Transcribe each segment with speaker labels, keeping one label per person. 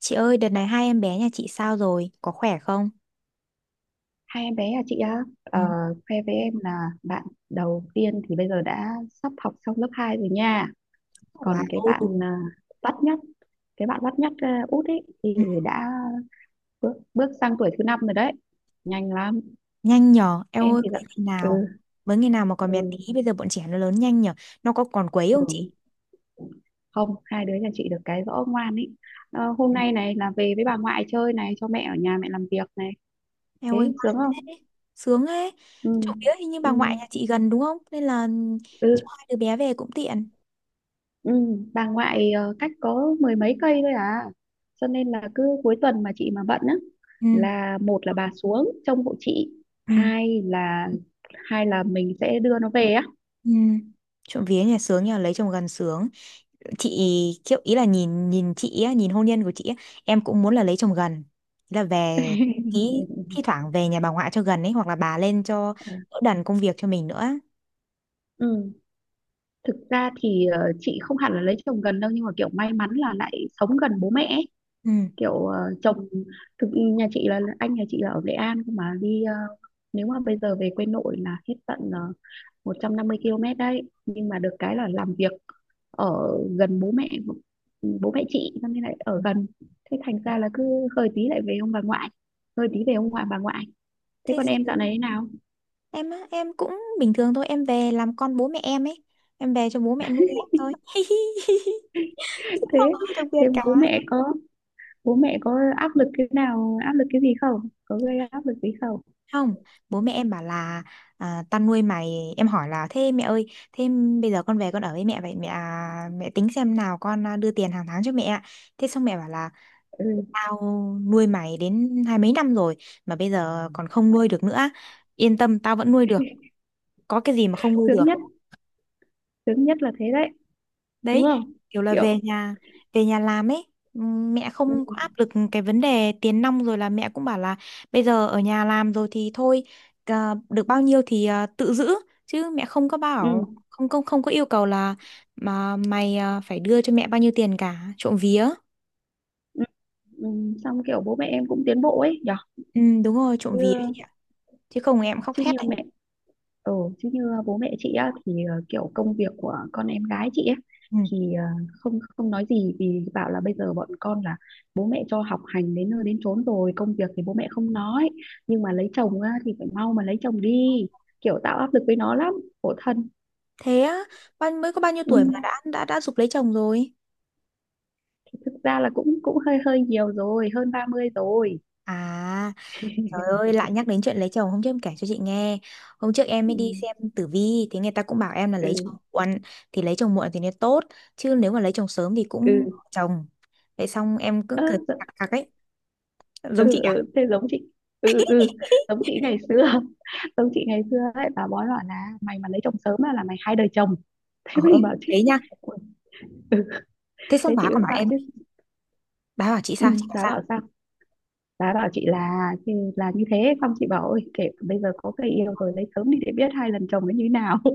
Speaker 1: Chị ơi, đợt này hai em bé nhà chị sao rồi? Có khỏe không?
Speaker 2: Hai em bé à chị á,
Speaker 1: Ừ.
Speaker 2: khoe với em là bạn đầu tiên thì bây giờ đã sắp học xong lớp 2 rồi nha.
Speaker 1: Wow.
Speaker 2: Còn cái bạn à, bắt nhất, bắt nhất à, út ấy thì
Speaker 1: Ừ.
Speaker 2: đã bước sang tuổi thứ năm rồi đấy. Nhanh lắm,
Speaker 1: Nhanh nhở, em
Speaker 2: em
Speaker 1: ơi,
Speaker 2: thì
Speaker 1: cưới
Speaker 2: là
Speaker 1: ngày
Speaker 2: ừ,
Speaker 1: nào? Với ngày nào mà còn bé
Speaker 2: ừ,
Speaker 1: tí, bây giờ bọn trẻ nó lớn nhanh nhở. Nó có còn quấy không chị?
Speaker 2: ừ. Không, hai đứa nhà chị được cái rõ ngoan ấy. Ờ, hôm nay này là về với bà ngoại chơi này, cho mẹ ở nhà mẹ làm việc này.
Speaker 1: Em
Speaker 2: Thế
Speaker 1: ơi,
Speaker 2: sướng
Speaker 1: ngoan
Speaker 2: không?
Speaker 1: thế, sướng thế.
Speaker 2: Ừ,
Speaker 1: Chỗ kia hình như bà
Speaker 2: ừ,
Speaker 1: ngoại nhà chị gần đúng không? Nên là
Speaker 2: ừ.
Speaker 1: cho hai đứa bé về cũng tiện.
Speaker 2: Ừ, bà ngoại cách có mười mấy cây thôi à, cho nên là cứ cuối tuần mà chị mà bận á,
Speaker 1: Ừ,
Speaker 2: là một là bà xuống trông hộ chị,
Speaker 1: ừ,
Speaker 2: hai là mình sẽ đưa nó về á.
Speaker 1: ừ. Trộm vía nhà sướng nhờ, lấy chồng gần sướng. Chị kiểu ý là nhìn nhìn chị á, nhìn hôn nhân của chị á, em cũng muốn là lấy chồng gần, ý là về, ý thi thoảng về nhà bà ngoại cho gần ấy, hoặc là bà lên cho đỡ đần công việc cho mình nữa.
Speaker 2: Ừ. Thực ra thì chị không hẳn là lấy chồng gần đâu, nhưng mà kiểu may mắn là lại sống gần bố mẹ ấy.
Speaker 1: Ừ.
Speaker 2: Kiểu chồng thực nhà chị là anh nhà chị là ở Nghệ An, cơ mà đi nếu mà bây giờ về quê nội là hết tận uh, 150 km đấy, nhưng mà được cái là làm việc ở gần bố mẹ, bố mẹ chị cho nên lại ở gần. Thế thành ra là cứ hơi tí lại về ông bà ngoại, hơi tí về ông ngoại bà ngoại thế
Speaker 1: Thế
Speaker 2: còn em dạo
Speaker 1: xuống.
Speaker 2: này thế nào?
Speaker 1: Em á, em cũng bình thường thôi, em về làm con bố mẹ em ấy, em về cho bố mẹ nuôi em thôi cũng không
Speaker 2: thế
Speaker 1: có gì đặc
Speaker 2: thế
Speaker 1: biệt cả.
Speaker 2: bố mẹ có, bố mẹ có áp lực cái nào, áp lực cái gì không, có gây áp lực gì không?
Speaker 1: Không, bố mẹ em bảo là, à, tao nuôi mày. Em hỏi là, thế mẹ ơi, thế bây giờ con về con ở với mẹ vậy, mẹ à, mẹ tính xem nào, con à, đưa tiền hàng tháng cho mẹ ạ. Thế xong mẹ bảo là,
Speaker 2: Ừ.
Speaker 1: tao nuôi mày đến hai mấy năm rồi mà bây giờ còn không nuôi được nữa. Yên tâm, tao vẫn nuôi được, có cái gì mà không nuôi được.
Speaker 2: sướng nhất Sướng nhất là thế đấy, đúng
Speaker 1: Đấy,
Speaker 2: không?
Speaker 1: kiểu là
Speaker 2: Kiểu
Speaker 1: về nhà làm ấy. Mẹ
Speaker 2: ừ,
Speaker 1: không có áp lực cái vấn đề tiền nong, rồi là mẹ cũng bảo là bây giờ ở nhà làm rồi thì thôi, à, được bao nhiêu thì à, tự giữ, chứ mẹ không có bảo,
Speaker 2: ừ,
Speaker 1: không không không có yêu cầu là mà mày à, phải đưa cho mẹ bao nhiêu tiền cả, trộm vía.
Speaker 2: ừ, ừ. Xong kiểu bố mẹ em cũng tiến bộ ấy nhở.
Speaker 1: Ừ, đúng rồi, trộm
Speaker 2: Chứ
Speaker 1: vía đấy chị ạ. Chứ không em khóc
Speaker 2: chứ
Speaker 1: thét
Speaker 2: Như
Speaker 1: đấy.
Speaker 2: mẹ ừ, chứ như bố mẹ chị á thì kiểu công việc của con em gái chị ấy
Speaker 1: Ừ.
Speaker 2: thì không không nói gì vì bảo là bây giờ bọn con là bố mẹ cho học hành đến nơi đến chốn rồi, công việc thì bố mẹ không nói, nhưng mà lấy chồng á, thì phải mau mà lấy chồng đi, kiểu tạo áp lực với nó lắm, khổ thân.
Speaker 1: Thế á, bao mới có bao nhiêu
Speaker 2: Ừ.
Speaker 1: tuổi mà đã giục lấy chồng rồi.
Speaker 2: Thì thực ra là cũng cũng hơi hơi nhiều rồi, hơn 30 rồi.
Speaker 1: À, trời ơi, lại nhắc đến chuyện lấy chồng. Hôm trước em kể cho chị nghe, hôm trước em mới đi
Speaker 2: Ừ.
Speaker 1: xem tử vi thì người ta cũng bảo em là lấy chồng
Speaker 2: Ừ
Speaker 1: muộn, thì lấy chồng muộn thì nó tốt, chứ nếu mà lấy chồng sớm thì cũng
Speaker 2: ừ.
Speaker 1: chồng. Vậy xong em cứ
Speaker 2: Ơ,
Speaker 1: cười cặc cặc ấy, giống chị
Speaker 2: ừ
Speaker 1: à?
Speaker 2: ừ, thế giống chị. Ừ ừ ừ, giống chị ngày xưa, giống chị ngày xưa ấy, bà bói bảo là mày mà lấy chồng sớm á là mày hai đời chồng.
Speaker 1: Ồ
Speaker 2: Thế
Speaker 1: em,
Speaker 2: mình bảo chứ
Speaker 1: thế nha.
Speaker 2: "Ui, ừ.
Speaker 1: Thế xong
Speaker 2: Thế
Speaker 1: bà
Speaker 2: chị mới
Speaker 1: còn bảo
Speaker 2: bảo
Speaker 1: em,
Speaker 2: chứ
Speaker 1: bà bảo chị
Speaker 2: ừ,
Speaker 1: sao? Chị bảo
Speaker 2: bà
Speaker 1: sao?
Speaker 2: bảo sao, bà bảo chị là thì là như thế, xong chị bảo ôi kể bây giờ có người yêu rồi lấy sớm đi để biết hai lần chồng nó như thế nào.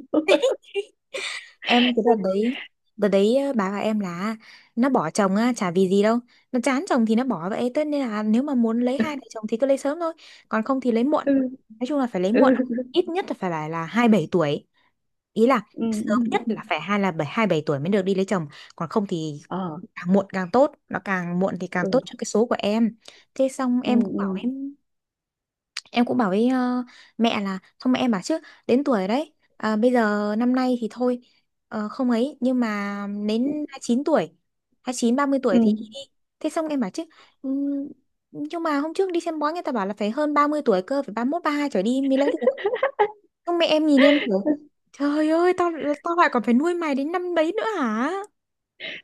Speaker 1: Em cái đợt đấy, đợt đấy bà và em là, nó bỏ chồng á chả vì gì đâu, nó chán chồng thì nó bỏ vậy tất, nên là nếu mà muốn lấy hai vợ chồng thì cứ lấy sớm thôi, còn không thì lấy muộn.
Speaker 2: Ừ
Speaker 1: Nói chung là phải lấy
Speaker 2: ừ
Speaker 1: muộn, ít nhất là phải là hai bảy tuổi, ý là
Speaker 2: ừ ừ
Speaker 1: sớm nhất
Speaker 2: ừ.
Speaker 1: là phải hai bảy tuổi mới được đi lấy chồng, còn không thì
Speaker 2: Ờ
Speaker 1: càng muộn càng tốt, nó càng muộn thì càng
Speaker 2: ừ
Speaker 1: tốt cho cái số của em. Thế xong
Speaker 2: ừ ừ
Speaker 1: em cũng bảo với mẹ, là xong mẹ em bảo chứ, đến tuổi đấy à, bây giờ năm nay thì thôi, ờ, không ấy, nhưng mà đến 29 tuổi, 29 30 tuổi
Speaker 2: ừ.
Speaker 1: thì đi đi. Thế xong em bảo chứ, ừm, nhưng mà hôm trước đi xem bói người ta bảo là phải hơn 30 tuổi cơ, phải 31 32 trở đi mới lấy được. Xong mẹ em nhìn em kiểu, trời ơi, tao tao lại còn phải nuôi mày đến năm đấy nữa hả.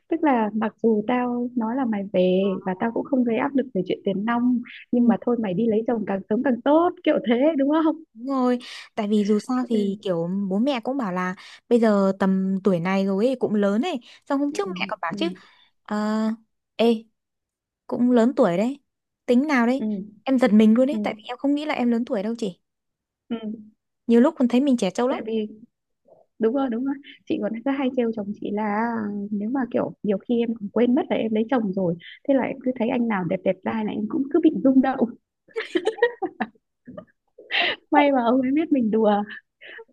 Speaker 2: Tức là mặc dù tao nói là mày về và tao cũng không gây áp lực về chuyện tiền nong, nhưng mà thôi mày đi lấy chồng càng sớm càng tốt, kiểu thế đúng không?
Speaker 1: Đúng rồi, tại vì dù sao thì
Speaker 2: Ừ.
Speaker 1: kiểu bố mẹ cũng bảo là bây giờ tầm tuổi này rồi ấy, cũng lớn ấy. Xong hôm
Speaker 2: Ừ.
Speaker 1: trước mẹ còn bảo
Speaker 2: Ừ.
Speaker 1: chứ, ờ, ê, cũng lớn tuổi đấy, tính nào đấy.
Speaker 2: Ừ.
Speaker 1: Em giật mình luôn
Speaker 2: Ừ.
Speaker 1: ấy, tại vì em không nghĩ là em lớn tuổi đâu chị.
Speaker 2: Ừ.
Speaker 1: Nhiều lúc còn thấy mình trẻ trâu lắm.
Speaker 2: Tại vì đúng rồi, đúng rồi, chị còn cứ hay trêu chồng chị là à, nếu mà kiểu nhiều khi em còn quên mất là em lấy chồng rồi, thế là em cứ thấy anh nào đẹp đẹp trai là em cũng cứ bị rung động.
Speaker 1: Em vậy.
Speaker 2: May mà ông ấy biết mình đùa.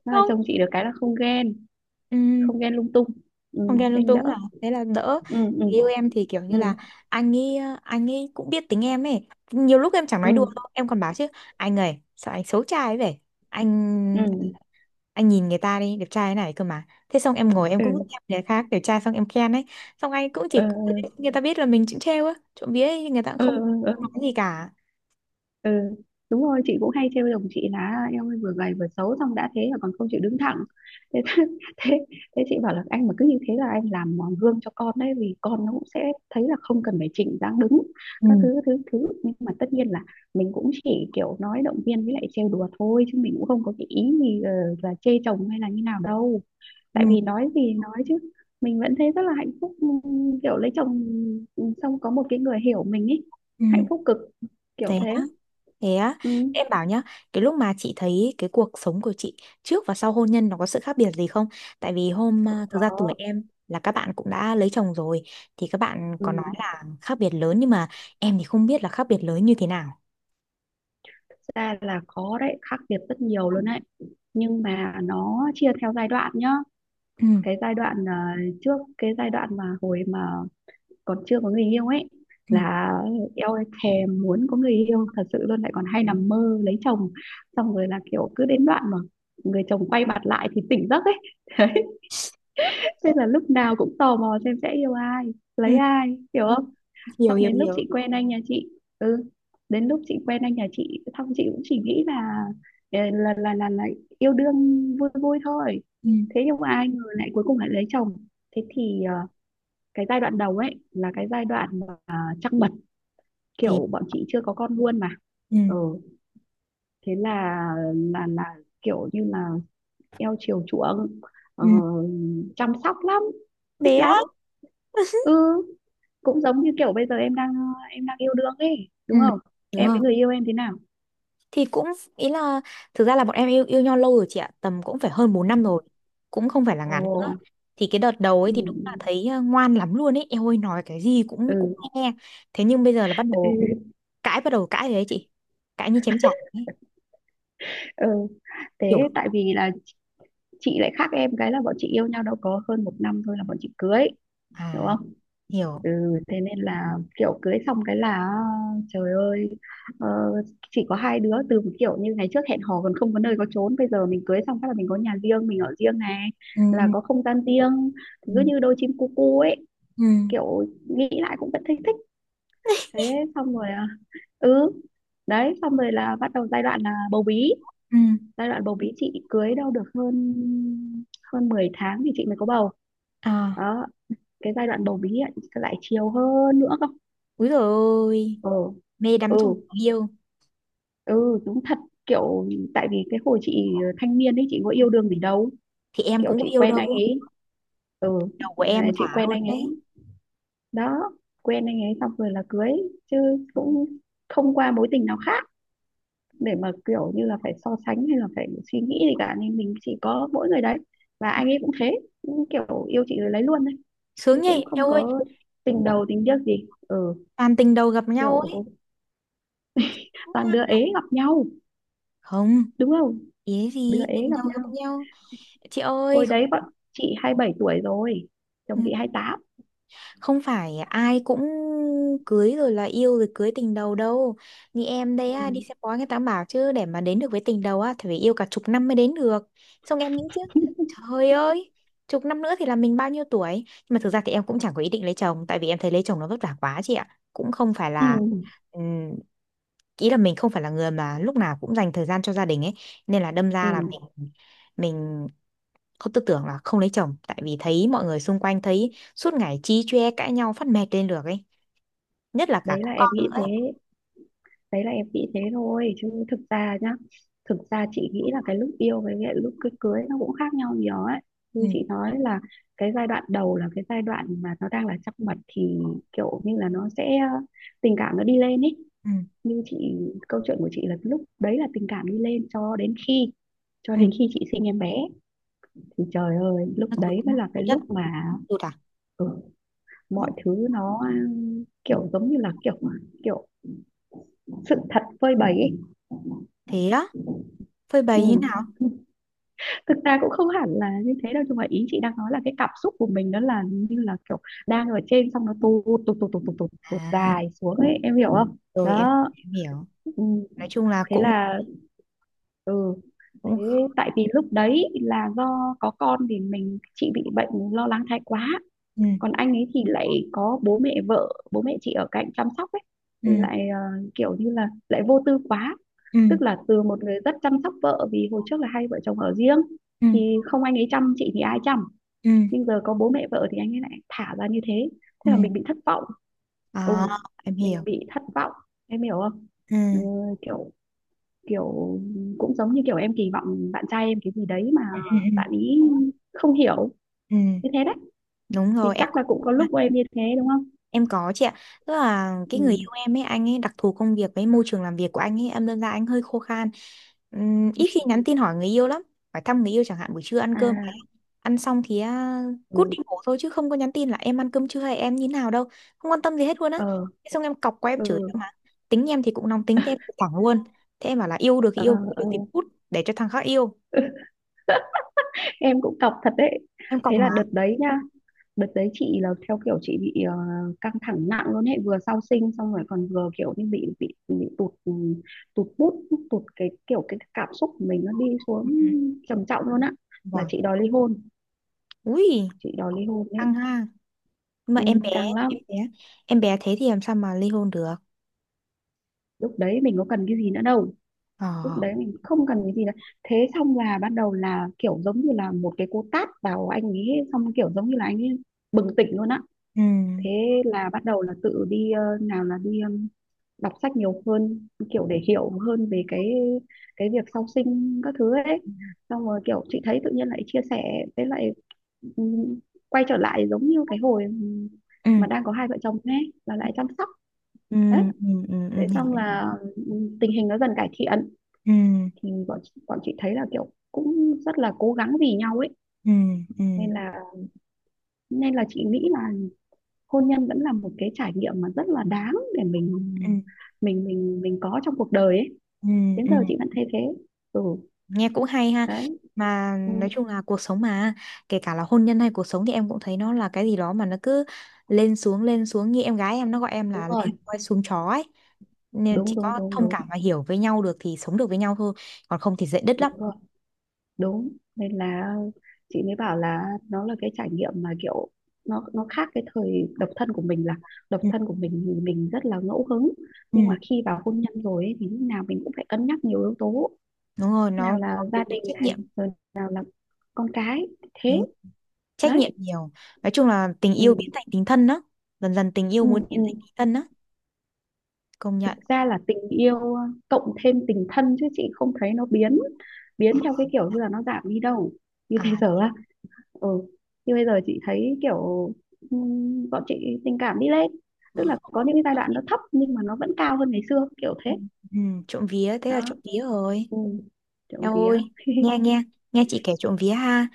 Speaker 2: Mà
Speaker 1: Không,
Speaker 2: chồng chị được cái là không ghen,
Speaker 1: ừ,
Speaker 2: không ghen lung tung. Ừ,
Speaker 1: không ghen lung
Speaker 2: nhanh đỡ.
Speaker 1: túng à, thế là đỡ.
Speaker 2: Ừ,
Speaker 1: Người
Speaker 2: ừ,
Speaker 1: yêu em thì kiểu
Speaker 2: ừ,
Speaker 1: như là anh ấy, anh ấy cũng biết tính em ấy. Nhiều lúc em chẳng
Speaker 2: ừ,
Speaker 1: nói đùa đâu, em còn bảo chứ, anh ơi, sao anh xấu trai ấy vậy?
Speaker 2: ừ.
Speaker 1: Anh anh nhìn người ta đi đẹp trai thế này cơ mà. Thế xong em ngồi em cũng
Speaker 2: Ừ.
Speaker 1: khen người khác đẹp trai, xong em khen ấy, xong anh cũng
Speaker 2: Ờ
Speaker 1: chỉ, người ta biết là mình cũng trêu á, trộm vía ấy, người ta cũng
Speaker 2: ờ
Speaker 1: không
Speaker 2: ờ, ờ,
Speaker 1: không nói gì cả.
Speaker 2: ờ. Đúng rồi, chị cũng hay trêu chồng chị là "À, em ơi, vừa gầy vừa xấu, xong đã thế là còn không chịu đứng thẳng thế, thế thế chị bảo là anh mà cứ như thế là anh làm mòn gương cho con đấy, vì con nó cũng sẽ thấy là không cần phải chỉnh dáng đứng các thứ
Speaker 1: Ừ
Speaker 2: thứ thứ, nhưng mà tất nhiên là mình cũng chỉ kiểu nói động viên với lại trêu đùa thôi, chứ mình cũng không có cái ý gì là chê chồng hay là như nào đâu. Tại
Speaker 1: ừ
Speaker 2: vì nói gì nói chứ, mình vẫn thấy rất là hạnh phúc, kiểu lấy chồng xong có một cái người hiểu mình ấy,
Speaker 1: ừ.
Speaker 2: hạnh phúc cực, kiểu
Speaker 1: Thế
Speaker 2: thế.
Speaker 1: á, thế á.
Speaker 2: Ừ,
Speaker 1: Em bảo nhá, cái lúc mà chị thấy cái cuộc sống của chị trước và sau hôn nhân, nó có sự khác biệt gì không? Tại vì thực ra tuổi
Speaker 2: có.
Speaker 1: em là các bạn cũng đã lấy chồng rồi, thì các bạn
Speaker 2: Ừ,
Speaker 1: có nói là khác biệt lớn, nhưng mà em thì không biết là khác biệt lớn như thế nào.
Speaker 2: thực ra là có đấy, khác biệt rất nhiều luôn đấy, nhưng mà nó chia theo giai đoạn nhá.
Speaker 1: Ừ
Speaker 2: Cái giai đoạn trước, cái giai đoạn mà hồi mà còn chưa có người yêu ấy,
Speaker 1: ừ
Speaker 2: là eo ơi, thèm muốn có người yêu thật sự luôn, lại còn hay nằm mơ lấy chồng, xong rồi là kiểu cứ đến đoạn mà người chồng quay mặt lại thì tỉnh giấc ấy. Thế là lúc nào cũng tò mò xem sẽ yêu ai, lấy
Speaker 1: ừ.
Speaker 2: ai, hiểu
Speaker 1: Ừ,
Speaker 2: không?
Speaker 1: hiểu
Speaker 2: Xong
Speaker 1: hiểu
Speaker 2: đến lúc
Speaker 1: hiểu.
Speaker 2: chị quen anh nhà chị, ừ, đến lúc chị quen anh nhà chị, xong chị cũng chỉ nghĩ là là là là, là, là yêu đương vui vui thôi. Thế nhưng mà ai ngờ lại cuối cùng lại lấy chồng. Thế thì cái giai đoạn đầu ấy là cái giai đoạn mà trăng mật,
Speaker 1: Thế.
Speaker 2: kiểu bọn chị chưa có con luôn mà.
Speaker 1: Ừ.
Speaker 2: Ừ, thế là là là kiểu như là eo chiều chuộng,
Speaker 1: Ừ
Speaker 2: ờ, chăm sóc lắm, thích
Speaker 1: bé
Speaker 2: lắm
Speaker 1: á.
Speaker 2: ừ, cũng giống như kiểu bây giờ em đang yêu đương ấy
Speaker 1: Ừ
Speaker 2: đúng không,
Speaker 1: đúng
Speaker 2: em
Speaker 1: rồi,
Speaker 2: với người yêu em thế nào?
Speaker 1: thì cũng, ý là, thực ra là bọn em yêu yêu nhau lâu rồi chị ạ, tầm cũng phải hơn 4
Speaker 2: Ừ.
Speaker 1: năm rồi, cũng không phải là
Speaker 2: Ồ
Speaker 1: ngắn nữa. Thì cái đợt đầu ấy
Speaker 2: ừ.
Speaker 1: thì đúng là thấy, ờ, ngoan lắm luôn ấy em ơi, nói cái gì cũng cũng
Speaker 2: Ừ.
Speaker 1: nghe. Thế nhưng bây giờ là
Speaker 2: Ừ.
Speaker 1: bắt đầu cãi rồi đấy chị, cãi như chém chảy ấy,
Speaker 2: Ừ,
Speaker 1: kiểu.
Speaker 2: thế tại vì là chị lại khác em cái là bọn chị yêu nhau đâu có hơn một năm thôi là bọn chị cưới, đúng
Speaker 1: À,
Speaker 2: không?
Speaker 1: hiểu.
Speaker 2: Ừ. Thế nên là kiểu cưới xong cái là trời ơi, ờ, chỉ có hai đứa, từ một kiểu như ngày trước hẹn hò còn không có nơi có chốn, bây giờ mình cưới xong phát là mình có nhà riêng, mình ở riêng này,
Speaker 1: Ừ
Speaker 2: là có không gian riêng,
Speaker 1: ừ
Speaker 2: cứ như đôi chim cu cu ấy,
Speaker 1: ừ
Speaker 2: kiểu nghĩ lại cũng vẫn thấy thích. Thế xong rồi ừ đấy, xong rồi là bắt đầu giai đoạn là bầu bí.
Speaker 1: ừ.
Speaker 2: Giai đoạn bầu bí chị cưới đâu được hơn hơn 10 tháng thì chị mới có bầu.
Speaker 1: À.
Speaker 2: Đó, cái giai đoạn bầu bí ấy, lại chiều hơn nữa cơ.
Speaker 1: Úi dồi ôi,
Speaker 2: Ừ
Speaker 1: mê
Speaker 2: ừ,
Speaker 1: đắm trong tình yêu.
Speaker 2: ừ đúng thật kiểu, tại vì cái hồi chị thanh niên ấy chị có yêu đương gì đâu,
Speaker 1: Thì em
Speaker 2: kiểu
Speaker 1: cũng
Speaker 2: chị
Speaker 1: có yêu
Speaker 2: quen
Speaker 1: đâu.
Speaker 2: anh ấy, ừ.
Speaker 1: Đầu của em
Speaker 2: Là chị
Speaker 1: thả
Speaker 2: quen
Speaker 1: hơn
Speaker 2: anh
Speaker 1: đấy.
Speaker 2: ấy đó, quen anh ấy xong rồi là cưới, chứ cũng không qua mối tình nào khác để mà kiểu như là phải so sánh hay là phải suy nghĩ gì cả, nên mình chỉ có mỗi người đấy, và anh ấy cũng thế, cũng kiểu yêu chị rồi lấy luôn đấy,
Speaker 1: Sướng
Speaker 2: chứ cũng
Speaker 1: nhỉ em
Speaker 2: không
Speaker 1: ơi.
Speaker 2: có tình đầu tình tiếc gì ừ,
Speaker 1: Toàn tình đầu gặp nhau ấy.
Speaker 2: kiểu toàn đứa ế gặp nhau,
Speaker 1: Không,
Speaker 2: đúng không,
Speaker 1: ý
Speaker 2: đứa
Speaker 1: gì
Speaker 2: ế
Speaker 1: tình đầu
Speaker 2: gặp
Speaker 1: gặp
Speaker 2: nhau.
Speaker 1: nhau. Chị ơi,
Speaker 2: Hồi đấy bọn chị 27 tuổi rồi, chồng chị 28.
Speaker 1: không phải ai cũng cưới rồi, là yêu rồi cưới tình đầu đâu. Như em đấy á, đi
Speaker 2: Ừ.
Speaker 1: xem bói người ta bảo chứ, để mà đến được với tình đầu á thì phải yêu cả chục năm mới đến được. Xong em nghĩ chứ, trời ơi, chục năm nữa thì là mình bao nhiêu tuổi. Nhưng mà thực ra thì em cũng chẳng có ý định lấy chồng, tại vì em thấy lấy chồng nó vất vả quá chị ạ, cũng không phải
Speaker 2: Ừ.
Speaker 1: là, ừm, ý là mình không phải là người mà lúc nào cũng dành thời gian cho gia đình ấy, nên là đâm
Speaker 2: Ừ.
Speaker 1: ra là mình không tư tưởng là không lấy chồng, tại vì thấy mọi người xung quanh, thấy suốt ngày chí chóe cãi nhau phát mệt lên được ấy. Nhất là cả
Speaker 2: Đấy là
Speaker 1: có
Speaker 2: em
Speaker 1: con
Speaker 2: nghĩ
Speaker 1: nữa ấy.
Speaker 2: thế, đấy là em nghĩ thế thôi, chứ thực ra nhá, thực ra chị nghĩ là cái lúc yêu với cái lúc cưới, nó cũng khác nhau nhiều ấy.
Speaker 1: Ừ,
Speaker 2: Như chị nói là cái giai đoạn đầu là cái giai đoạn mà nó đang là trăng mật, thì kiểu như là nó sẽ tình cảm nó đi lên ấy.
Speaker 1: ừ,
Speaker 2: Như chị, câu chuyện của chị là lúc đấy là tình cảm đi lên cho đến khi
Speaker 1: ừ.
Speaker 2: chị sinh em bé, thì trời ơi lúc
Speaker 1: Nó tụt
Speaker 2: đấy mới là cái
Speaker 1: tụt đất,
Speaker 2: lúc mà
Speaker 1: tụt à?
Speaker 2: ừ, mọi thứ nó ừ, kiểu giống như là kiểu kiểu sự thật phơi bày ấy.
Speaker 1: Thế đó, phơi
Speaker 2: Ừ,
Speaker 1: bày như nào?
Speaker 2: thực ra cũng không hẳn là như thế đâu, nhưng mà ý chị đang nói là cái cảm xúc của mình đó là như là kiểu đang ở trên xong nó tụt tụt tụt tụt tụt tụt, tụt
Speaker 1: À,
Speaker 2: dài xuống ấy, em hiểu không?
Speaker 1: rồi
Speaker 2: Đó,
Speaker 1: em hiểu.
Speaker 2: ừ.
Speaker 1: Nói chung là
Speaker 2: Thế
Speaker 1: cũng,
Speaker 2: là ừ,
Speaker 1: cũng.
Speaker 2: thế tại vì lúc đấy là do có con thì chị bị bệnh lo lắng thái quá,
Speaker 1: Ừ,
Speaker 2: còn anh ấy thì lại có bố mẹ vợ, bố mẹ chị ở cạnh chăm sóc ấy,
Speaker 1: ừ,
Speaker 2: thì lại kiểu như là lại vô tư quá,
Speaker 1: ừ,
Speaker 2: tức là từ một người rất chăm sóc vợ, vì hồi trước là hai vợ chồng ở riêng,
Speaker 1: ừ,
Speaker 2: thì không anh ấy chăm chị thì ai chăm,
Speaker 1: ừ,
Speaker 2: nhưng giờ có bố mẹ vợ thì anh ấy lại thả ra như thế. Thế là mình
Speaker 1: ừ.
Speaker 2: bị thất vọng, ừ,
Speaker 1: À, em hiểu.
Speaker 2: mình bị thất vọng, em hiểu không?
Speaker 1: Ừ,
Speaker 2: Ừ, kiểu kiểu cũng giống như kiểu em kỳ vọng bạn trai em cái gì đấy mà
Speaker 1: ừ, ừ, ừ.
Speaker 2: bạn ý không hiểu,
Speaker 1: Ừ.
Speaker 2: như thế đấy.
Speaker 1: Đúng
Speaker 2: Thì
Speaker 1: rồi, em
Speaker 2: chắc
Speaker 1: cũng.
Speaker 2: là cũng có lúc của em như thế đúng không?
Speaker 1: Em có chị ạ. Tức là cái
Speaker 2: Ừ.
Speaker 1: người yêu em ấy, anh ấy đặc thù công việc với môi trường làm việc của anh ấy, em đơn ra anh hơi khô khan.
Speaker 2: Ừ.
Speaker 1: Ít khi nhắn tin hỏi người yêu lắm. Phải thăm người yêu chẳng hạn, buổi trưa ăn cơm
Speaker 2: À
Speaker 1: ăn xong thì à, cút
Speaker 2: ừ.
Speaker 1: đi ngủ thôi, chứ không có nhắn tin là em ăn cơm chưa hay em như nào đâu. Không quan tâm gì hết luôn á.
Speaker 2: Ờ
Speaker 1: Thế xong em cọc qua em
Speaker 2: ừ.
Speaker 1: chửi em mà. Tính em thì cũng nóng tính, thế em cũng thẳng luôn. Thế em bảo là yêu được thì
Speaker 2: Ờ
Speaker 1: yêu, không
Speaker 2: ờ.
Speaker 1: yêu thì cút để cho thằng khác yêu.
Speaker 2: Em cũng cọc thật đấy.
Speaker 1: Em cọc
Speaker 2: Thế là
Speaker 1: mà.
Speaker 2: đợt đấy nhá, đợt đấy chị là theo kiểu chị bị căng thẳng nặng luôn ấy, vừa sau sinh xong rồi còn vừa kiểu như bị tụt ừ, tụt bút, tụt cái kiểu cái cảm xúc của mình nó đi xuống trầm trọng luôn á, là
Speaker 1: Vâng.
Speaker 2: chị đòi ly hôn.
Speaker 1: Ui,
Speaker 2: Chị đòi ly hôn đấy,
Speaker 1: căng ha. Mà
Speaker 2: ừ,
Speaker 1: em bé
Speaker 2: căng lắm.
Speaker 1: em bé, em bé thế thì làm sao mà ly hôn được.
Speaker 2: Lúc đấy mình có cần cái gì nữa đâu,
Speaker 1: Ờ.
Speaker 2: lúc đấy mình không cần cái gì cả. Thế xong là ban đầu là kiểu giống như là một cái cú tát vào anh ấy, xong kiểu giống như là anh ấy bừng tỉnh luôn á.
Speaker 1: Ừ
Speaker 2: Thế là bắt đầu là tự đi nào là đi đọc sách nhiều hơn kiểu để hiểu hơn về cái việc sau sinh các thứ ấy,
Speaker 1: ừ
Speaker 2: xong rồi kiểu chị thấy tự nhiên lại chia sẻ với lại ừm, quay trở lại giống như cái hồi
Speaker 1: ừ
Speaker 2: mà đang có hai vợ chồng ấy là lại chăm sóc.
Speaker 1: ừ
Speaker 2: Đấy,
Speaker 1: ừ ừ,
Speaker 2: thế
Speaker 1: hiểu,
Speaker 2: xong
Speaker 1: em hiểu.
Speaker 2: là tình hình nó dần cải thiện,
Speaker 1: Ừ
Speaker 2: thì bọn chị thấy là kiểu cũng rất là cố gắng vì nhau ấy,
Speaker 1: ừ ừ
Speaker 2: nên là chị nghĩ là hôn nhân vẫn là một cái trải nghiệm mà rất là đáng để
Speaker 1: ừ
Speaker 2: mình có trong cuộc đời ấy.
Speaker 1: ừ
Speaker 2: Đến giờ
Speaker 1: ừ.
Speaker 2: chị vẫn thấy thế. Ừ
Speaker 1: Nghe cũng hay ha.
Speaker 2: đấy,
Speaker 1: Mà
Speaker 2: ừ,
Speaker 1: nói chung là cuộc sống mà, kể cả là hôn nhân hay cuộc sống thì em cũng thấy nó là cái gì đó mà nó cứ lên xuống lên xuống, như em gái em nó gọi em là
Speaker 2: đúng rồi,
Speaker 1: lên voi xuống chó ấy, nên chỉ
Speaker 2: đúng đúng
Speaker 1: có thông cảm và hiểu với nhau được thì sống được với nhau thôi, còn không thì dễ đứt lắm.
Speaker 2: đúng rồi, đúng. Nên là chị mới bảo là nó là cái trải nghiệm mà kiểu nó khác cái thời độc thân của mình, là độc
Speaker 1: Ừ,
Speaker 2: thân của mình thì mình rất là ngẫu hứng,
Speaker 1: ừ.
Speaker 2: nhưng mà khi vào hôn nhân rồi ấy, thì lúc nào mình cũng phải cân nhắc nhiều yếu tố,
Speaker 1: Đúng rồi,
Speaker 2: nào
Speaker 1: nó có
Speaker 2: là gia
Speaker 1: yếu tố
Speaker 2: đình
Speaker 1: trách
Speaker 2: này,
Speaker 1: nhiệm.
Speaker 2: rồi nào là con cái, thế
Speaker 1: Đúng, trách
Speaker 2: đấy.
Speaker 1: nhiệm nhiều. Nói chung là tình yêu biến
Speaker 2: Ừ,
Speaker 1: thành tình thân đó, dần dần tình yêu
Speaker 2: ừ,
Speaker 1: muốn
Speaker 2: ừ.
Speaker 1: biến thành tình thân đó, công
Speaker 2: Thực
Speaker 1: nhận.
Speaker 2: ra là tình yêu cộng thêm tình thân, chứ chị không thấy nó biến biến theo cái kiểu như là nó giảm đi đâu. Như
Speaker 1: À.
Speaker 2: bây giờ á, ừ, như bây giờ chị thấy kiểu bọn chị tình cảm đi lên, tức là
Speaker 1: Ừ,
Speaker 2: có những cái giai đoạn nó thấp nhưng mà nó vẫn cao hơn ngày xưa, kiểu thế.
Speaker 1: ừ, trộm vía, thế
Speaker 2: Đó,
Speaker 1: là trộm vía rồi.
Speaker 2: ừ, trộm
Speaker 1: Em
Speaker 2: vía.
Speaker 1: ơi, nghe, nghe, nghe chị kể, trộm vía ha.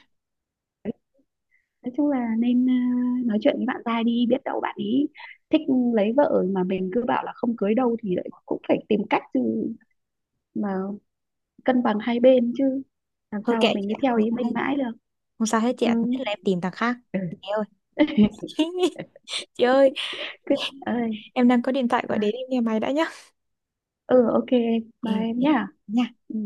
Speaker 2: Nói chung là nên nói chuyện với bạn trai đi, biết đâu bạn ấy thích lấy vợ mà mình cứ bảo là không cưới đâu, thì lại cũng phải tìm cách chứ, mà cân bằng hai bên chứ, làm
Speaker 1: Thôi
Speaker 2: sao mà
Speaker 1: kệ
Speaker 2: mình
Speaker 1: chị
Speaker 2: cứ
Speaker 1: ạ,
Speaker 2: theo
Speaker 1: không
Speaker 2: ý
Speaker 1: sao
Speaker 2: mình
Speaker 1: hết,
Speaker 2: mãi được.
Speaker 1: không sao hết chị
Speaker 2: Ừ.
Speaker 1: ạ, nhất là em tìm thằng khác.
Speaker 2: Ừ.
Speaker 1: Chị ơi, chị ơi,
Speaker 2: Cứ ơi
Speaker 1: em đang có điện thoại
Speaker 2: à,
Speaker 1: gọi đến, em nghe máy đã nhá.
Speaker 2: ừ, ok em,
Speaker 1: Ok
Speaker 2: bye em
Speaker 1: ok
Speaker 2: nhá.
Speaker 1: nha.
Speaker 2: Ừ.